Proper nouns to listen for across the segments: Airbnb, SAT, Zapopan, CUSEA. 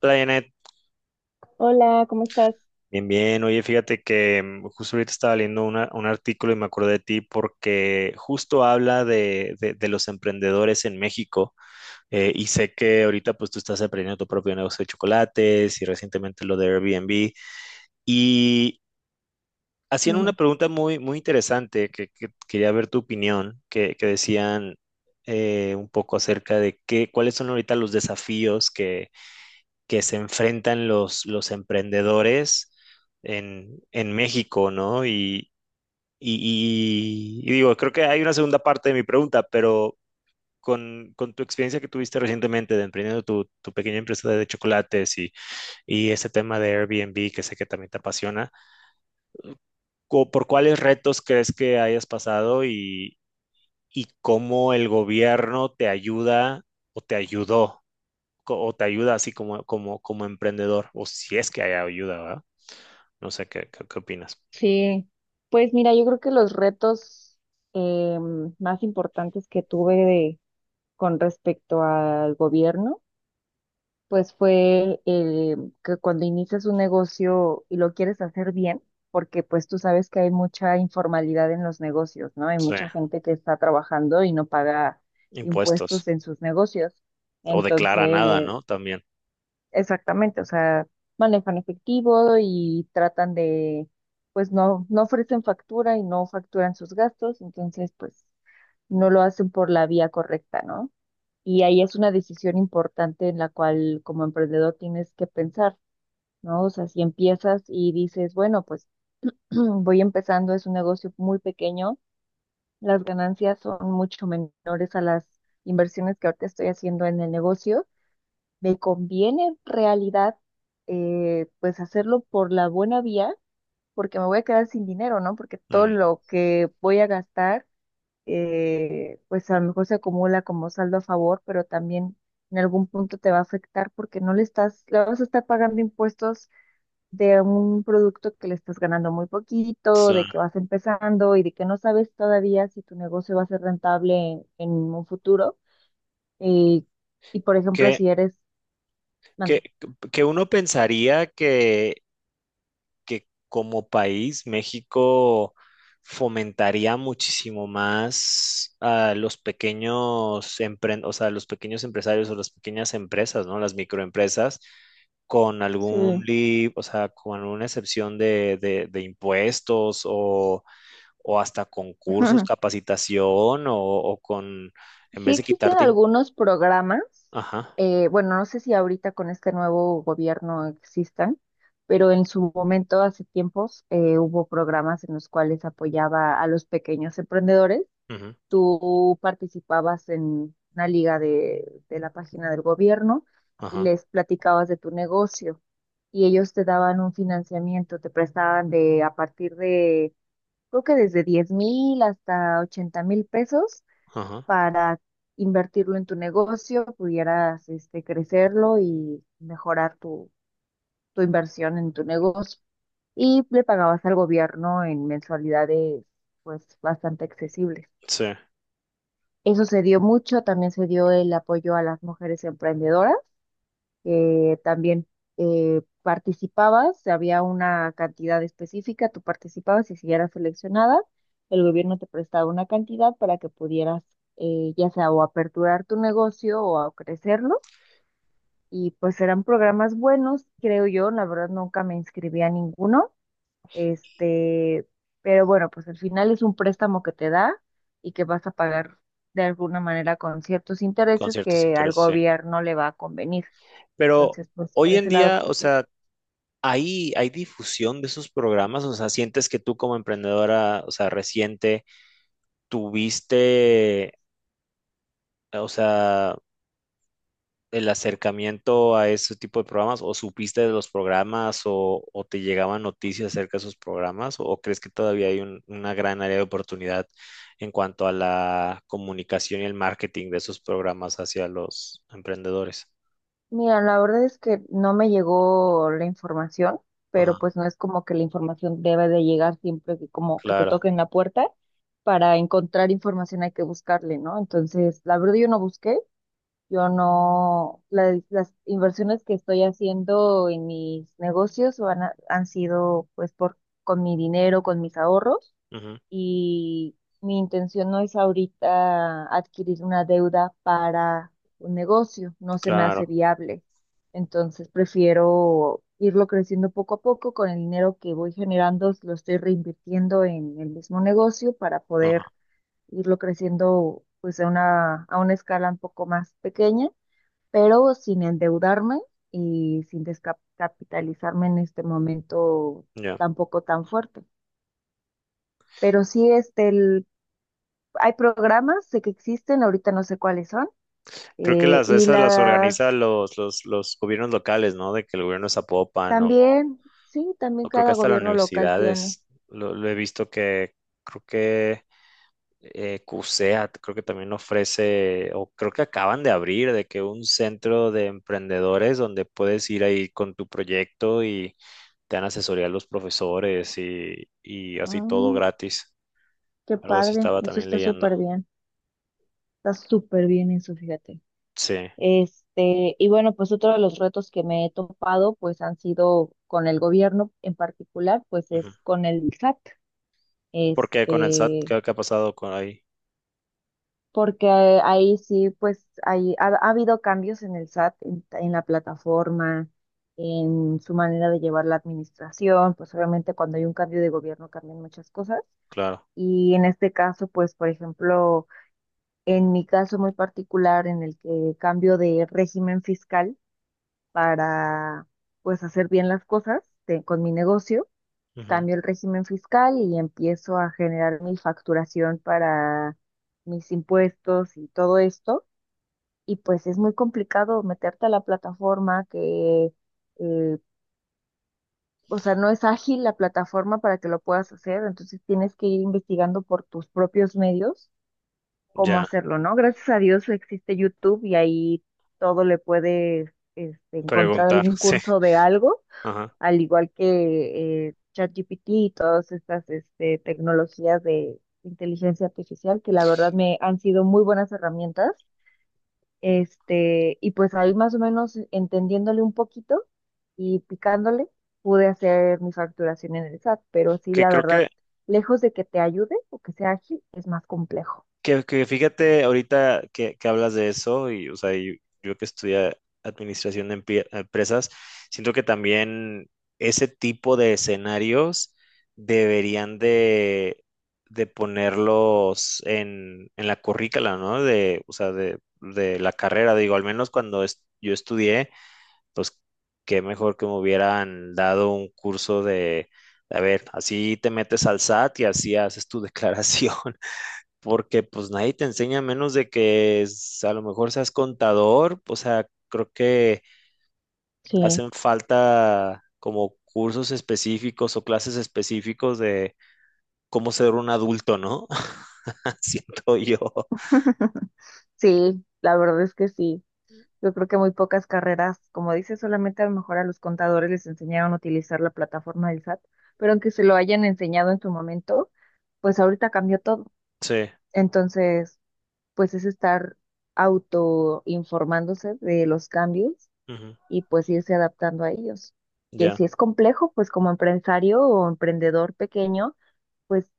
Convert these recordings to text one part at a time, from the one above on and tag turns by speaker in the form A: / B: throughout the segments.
A: Hola, Janet.
B: Hola, ¿cómo estás?
A: Bien, bien. Oye, fíjate que justo ahorita estaba leyendo un artículo y me acordé de ti porque justo habla de los emprendedores en México, y sé que ahorita pues tú estás aprendiendo tu propio negocio de chocolates y recientemente lo de Airbnb. Y hacían una
B: Ujú.
A: pregunta muy, muy interesante que quería ver tu opinión, que decían un poco acerca de qué, cuáles son ahorita los desafíos que se enfrentan los emprendedores en México, ¿no? Y digo, creo que hay una segunda parte de mi pregunta, pero con tu experiencia que tuviste recientemente de emprendiendo tu pequeña empresa de chocolates y ese tema de Airbnb que sé que también te apasiona, ¿por cuáles retos crees que hayas pasado y cómo el gobierno te ayuda o te ayudó? O te ayuda así como, como, como emprendedor, o si es que hay ayuda, ¿verdad? No sé qué, qué, qué opinas.
B: Sí, pues mira, yo creo que los retos más importantes que tuve de- con respecto al gobierno, pues fue el que cuando inicias un negocio y lo quieres hacer bien, porque pues tú sabes que hay mucha informalidad en los negocios, ¿no? Hay
A: Sí,
B: mucha gente que está trabajando y no paga
A: impuestos.
B: impuestos en sus negocios.
A: O declara nada,
B: Entonces,
A: ¿no? También.
B: exactamente, o sea, manejan efectivo y tratan de, pues no ofrecen factura y no facturan sus gastos, entonces pues no lo hacen por la vía correcta, ¿no? Y ahí es una decisión importante en la cual como emprendedor tienes que pensar, ¿no? O sea, si empiezas y dices, bueno, pues voy empezando, es un negocio muy pequeño, las ganancias son mucho menores a las inversiones que ahorita estoy haciendo en el negocio, me conviene en realidad pues hacerlo por la buena vía, porque me voy a quedar sin dinero, ¿no? Porque todo
A: Mm,
B: lo que voy a gastar, pues a lo mejor se acumula como saldo a favor, pero también en algún punto te va a afectar porque no le estás, le vas a estar pagando impuestos de un producto que le estás ganando muy poquito,
A: sí.
B: de que vas empezando y de que no sabes todavía si tu negocio va a ser rentable en un futuro. Eh, y por ejemplo,
A: Que,
B: si eres,
A: que,
B: mande.
A: que uno pensaría que como país México fomentaría muchísimo más a los pequeños o sea, los pequeños empresarios o las pequeñas empresas, ¿no? Las microempresas con
B: Sí.
A: algún lib, o sea, con alguna excepción de impuestos o hasta con cursos, capacitación, o con, en
B: Sí
A: vez de
B: existen
A: quitarte, im-
B: algunos programas,
A: ajá,
B: bueno, no sé si ahorita con este nuevo gobierno existan, pero en su momento, hace tiempos, hubo programas en los cuales apoyaba a los pequeños emprendedores.
A: ujú,
B: Tú participabas en una liga de la página del gobierno y
A: ajá,
B: les platicabas de tu negocio y ellos te daban un financiamiento, te prestaban de a partir de, creo que desde 10,000 hasta 80,000 pesos
A: ajá,
B: para invertirlo en tu negocio, pudieras este, crecerlo y mejorar tu, tu inversión en tu negocio. Y le pagabas al gobierno en mensualidades pues bastante accesibles.
A: sí,
B: Eso se dio mucho, también se dio el apoyo a las mujeres emprendedoras también participabas, había una cantidad específica, tú participabas y si eras seleccionada, el gobierno te prestaba una cantidad para que pudieras ya sea o aperturar tu negocio o a crecerlo. Y pues eran programas buenos, creo yo, la verdad nunca me inscribí a ninguno, este, pero bueno, pues al final es un préstamo que te da y que vas a pagar de alguna manera con ciertos
A: con
B: intereses
A: ciertos
B: que al
A: intereses, sí.
B: gobierno le va a convenir.
A: Pero
B: Entonces, pues por
A: hoy en
B: ese lado,
A: día, o
B: pues sí.
A: sea, ¿hay, hay difusión de esos programas? O sea, ¿sientes que tú como emprendedora, o sea, reciente, tuviste, o sea, el acercamiento a ese tipo de programas o supiste de los programas o te llegaban noticias acerca de esos programas o crees que todavía hay una gran área de oportunidad en cuanto a la comunicación y el marketing de esos programas hacia los emprendedores?
B: Mira, la verdad es que no me llegó la información,
A: Ajá,
B: pero pues no es como que la información debe de llegar siempre que como que te
A: claro,
B: toquen la puerta. Para encontrar información hay que buscarle, ¿no? Entonces, la verdad yo no busqué, yo no, la- las inversiones que estoy haciendo en mis negocios van a- han sido pues por, con mi dinero, con mis ahorros.
A: ujú,
B: Y mi intención no es ahorita adquirir una deuda para un negocio, no se me
A: claro,
B: hace viable. Entonces prefiero irlo creciendo poco a poco con el dinero que voy generando, lo estoy reinvirtiendo en el mismo negocio para poder
A: ajá,
B: irlo creciendo pues a una escala un poco más pequeña, pero sin endeudarme y sin descapitalizarme en este momento
A: ya.
B: tampoco tan fuerte. Pero sí, este, el- hay programas sé que existen, ahorita no sé cuáles son,
A: Creo que las
B: y
A: esas las
B: las
A: organizan los gobiernos locales, ¿no? De que el gobierno de Zapopan
B: también, sí, también
A: o creo
B: cada
A: que hasta las
B: gobierno local tiene.
A: universidades. Lo he visto que creo que CUSEA creo que también ofrece, o creo que acaban de abrir, de que un centro de emprendedores donde puedes ir ahí con tu proyecto y te dan asesoría los profesores y así todo
B: Ah,
A: gratis.
B: qué
A: Algo así
B: padre,
A: estaba
B: eso
A: también leyendo.
B: está súper bien eso, fíjate.
A: Sí.
B: Este, y bueno, pues otro de los retos que me he topado, pues han sido con el gobierno en particular, pues
A: Ujú.
B: es con el SAT.
A: Porque con el SAT,
B: Este,
A: ¿qué, qué ha pasado con ahí?
B: porque ahí sí, pues ahí ha habido cambios en el SAT, en la plataforma, en su manera de llevar la administración, pues obviamente cuando hay un cambio de gobierno cambian muchas cosas.
A: Claro.
B: Y en este caso, pues por ejemplo, en mi caso muy particular, en el que cambio de régimen fiscal para pues hacer bien las cosas de- con mi negocio,
A: Ujú.
B: cambio el régimen fiscal y empiezo a generar mi facturación para mis impuestos y todo esto y pues es muy complicado meterte a la plataforma que, eh, o sea, no es ágil la plataforma para que lo puedas hacer, entonces tienes que ir investigando por tus propios medios cómo
A: Ya,
B: hacerlo, ¿no? Gracias a Dios existe YouTube y ahí todo le puedes este, encontrar
A: preguntar,
B: algún
A: sí.
B: curso de algo,
A: Ajá.
B: al igual que ChatGPT y todas estas este, tecnologías de inteligencia artificial que la verdad me han sido muy buenas herramientas este, y pues ahí más o menos entendiéndole un poquito y picándole, pude hacer mi facturación en el SAT, pero sí,
A: Que
B: la
A: creo que
B: verdad, lejos de que te ayude o que sea ágil, es más complejo.
A: Que fíjate, ahorita que hablas de eso, y o sea, y yo, que estudié administración de empresas, siento que también ese tipo de escenarios deberían de ponerlos en la currícula, ¿no? De, o sea, de la carrera, digo, al menos cuando es- yo estudié, pues qué mejor que me hubieran dado un curso de, a ver, así te metes al SAT y así haces tu declaración porque pues nadie te enseña menos de que es- a lo mejor seas contador, o sea, creo que
B: Sí.
A: hacen falta como cursos específicos o clases específicos de cómo ser un adulto, ¿no? Siento yo.
B: Sí, la verdad es que sí. Yo creo que muy pocas carreras, como dices, solamente a lo mejor a los contadores les enseñaron a utilizar la plataforma del SAT, pero aunque se lo hayan enseñado en su momento, pues ahorita cambió todo.
A: Sí,
B: Entonces, pues es estar autoinformándose de los cambios
A: ujú,
B: y pues irse adaptando a ellos. Que
A: ya,
B: si es complejo, pues como empresario o emprendedor pequeño, pues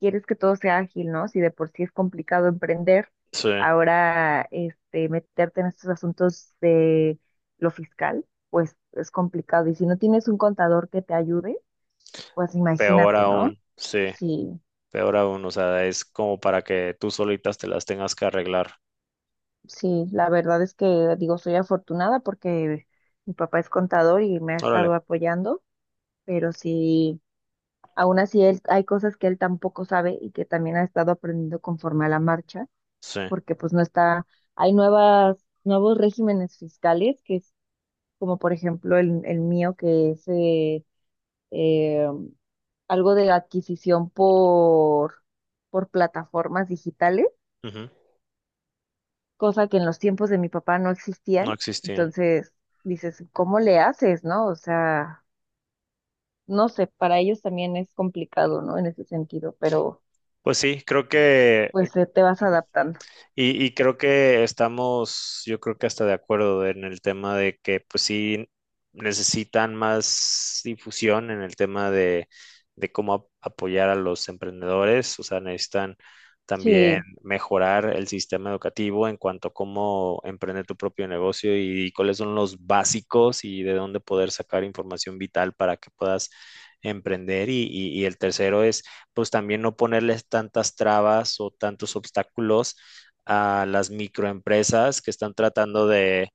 B: quieres que todo sea ágil, ¿no? Si de por sí es complicado emprender,
A: sí,
B: ahora este, meterte en estos asuntos de lo fiscal, pues es complicado. Y si no tienes un contador que te ayude, pues imagínate, ¿no?
A: sí,
B: Sí,
A: peor aún, o sea, es como para que tú solitas te las tengas que arreglar.
B: sí, la verdad es que digo, soy afortunada porque mi papá es contador y me ha
A: Órale,
B: estado apoyando, pero sí. Aún así, él, hay cosas que él tampoco sabe y que también ha estado aprendiendo conforme a la marcha,
A: sí,
B: porque pues no está, hay nuevas, nuevos regímenes fiscales, que es como por ejemplo el mío, que es eh, algo de adquisición por plataformas digitales,
A: ujú,
B: cosa que en los tiempos de mi papá no
A: no
B: existían.
A: existían.
B: Entonces, dices, ¿cómo le haces, no? O sea, no sé, para ellos también es complicado, ¿no? En ese sentido, pero
A: Pues sí, creo que eh,
B: pues te vas adaptando.
A: y creo que estamos, yo creo que hasta de acuerdo en el tema de que pues sí necesitan más difusión en el tema de cómo apoyar a los emprendedores, o sea, necesitan también
B: Sí,
A: mejorar el sistema educativo en cuanto a cómo emprender tu propio negocio y, cuáles son los básicos y de dónde poder sacar información vital para que puedas emprender. Y el tercero es, pues también no ponerles tantas trabas o tantos obstáculos a las microempresas que están tratando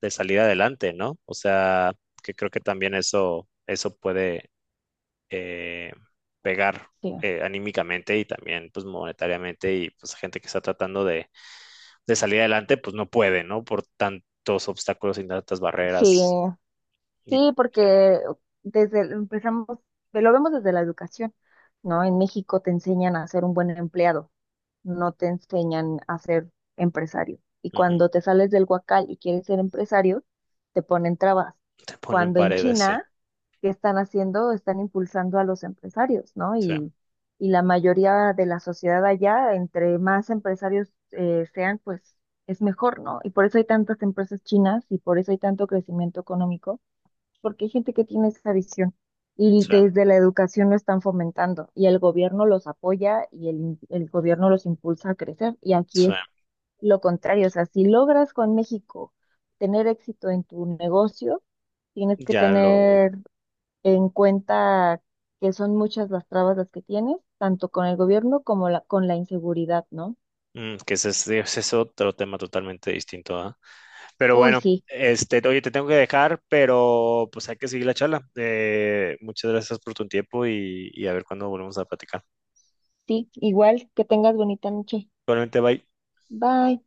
A: de salir adelante, ¿no? O sea, que creo que también eso puede eh, pegar
B: sí,
A: anímicamente y también pues monetariamente y pues gente que está tratando de salir adelante pues no puede, ¿no? Por tantos obstáculos y tantas
B: sí,
A: barreras y
B: sí,
A: sí,
B: porque desde el- empezamos, lo vemos desde la educación, ¿no? En México te enseñan a ser un buen empleado. No te enseñan a ser empresario. Y
A: ujú,
B: cuando te sales del huacal y quieres ser empresario, te ponen trabas.
A: te ponen
B: Cuando en
A: paredes, sí,
B: China, ¿qué están haciendo? Están impulsando a los empresarios, ¿no?
A: sí,
B: Y la mayoría de la sociedad allá, entre más empresarios sean, pues es mejor, ¿no? Y por eso hay tantas empresas chinas y por eso hay tanto crecimiento económico porque hay gente que tiene esa visión y
A: sí,
B: desde la educación lo están fomentando y el gobierno los apoya y el gobierno los impulsa a crecer y aquí
A: sí.
B: es lo contrario, o sea, si logras con México tener éxito en tu negocio, tienes que
A: Ya lo...
B: tener en cuenta que son muchas las trabas las que tienes, tanto con el gobierno como la, con la inseguridad, ¿no?
A: mm, que ese es otro tema totalmente distinto, ¿ah? Pero
B: Uy,
A: bueno,
B: sí,
A: este, oye, te tengo que dejar, pero pues hay que seguir la charla. Muchas gracias por tu tiempo y a ver cuándo volvemos a platicar.
B: sí, igual que tengas bonita noche.
A: Igualmente, bye.
B: Bye.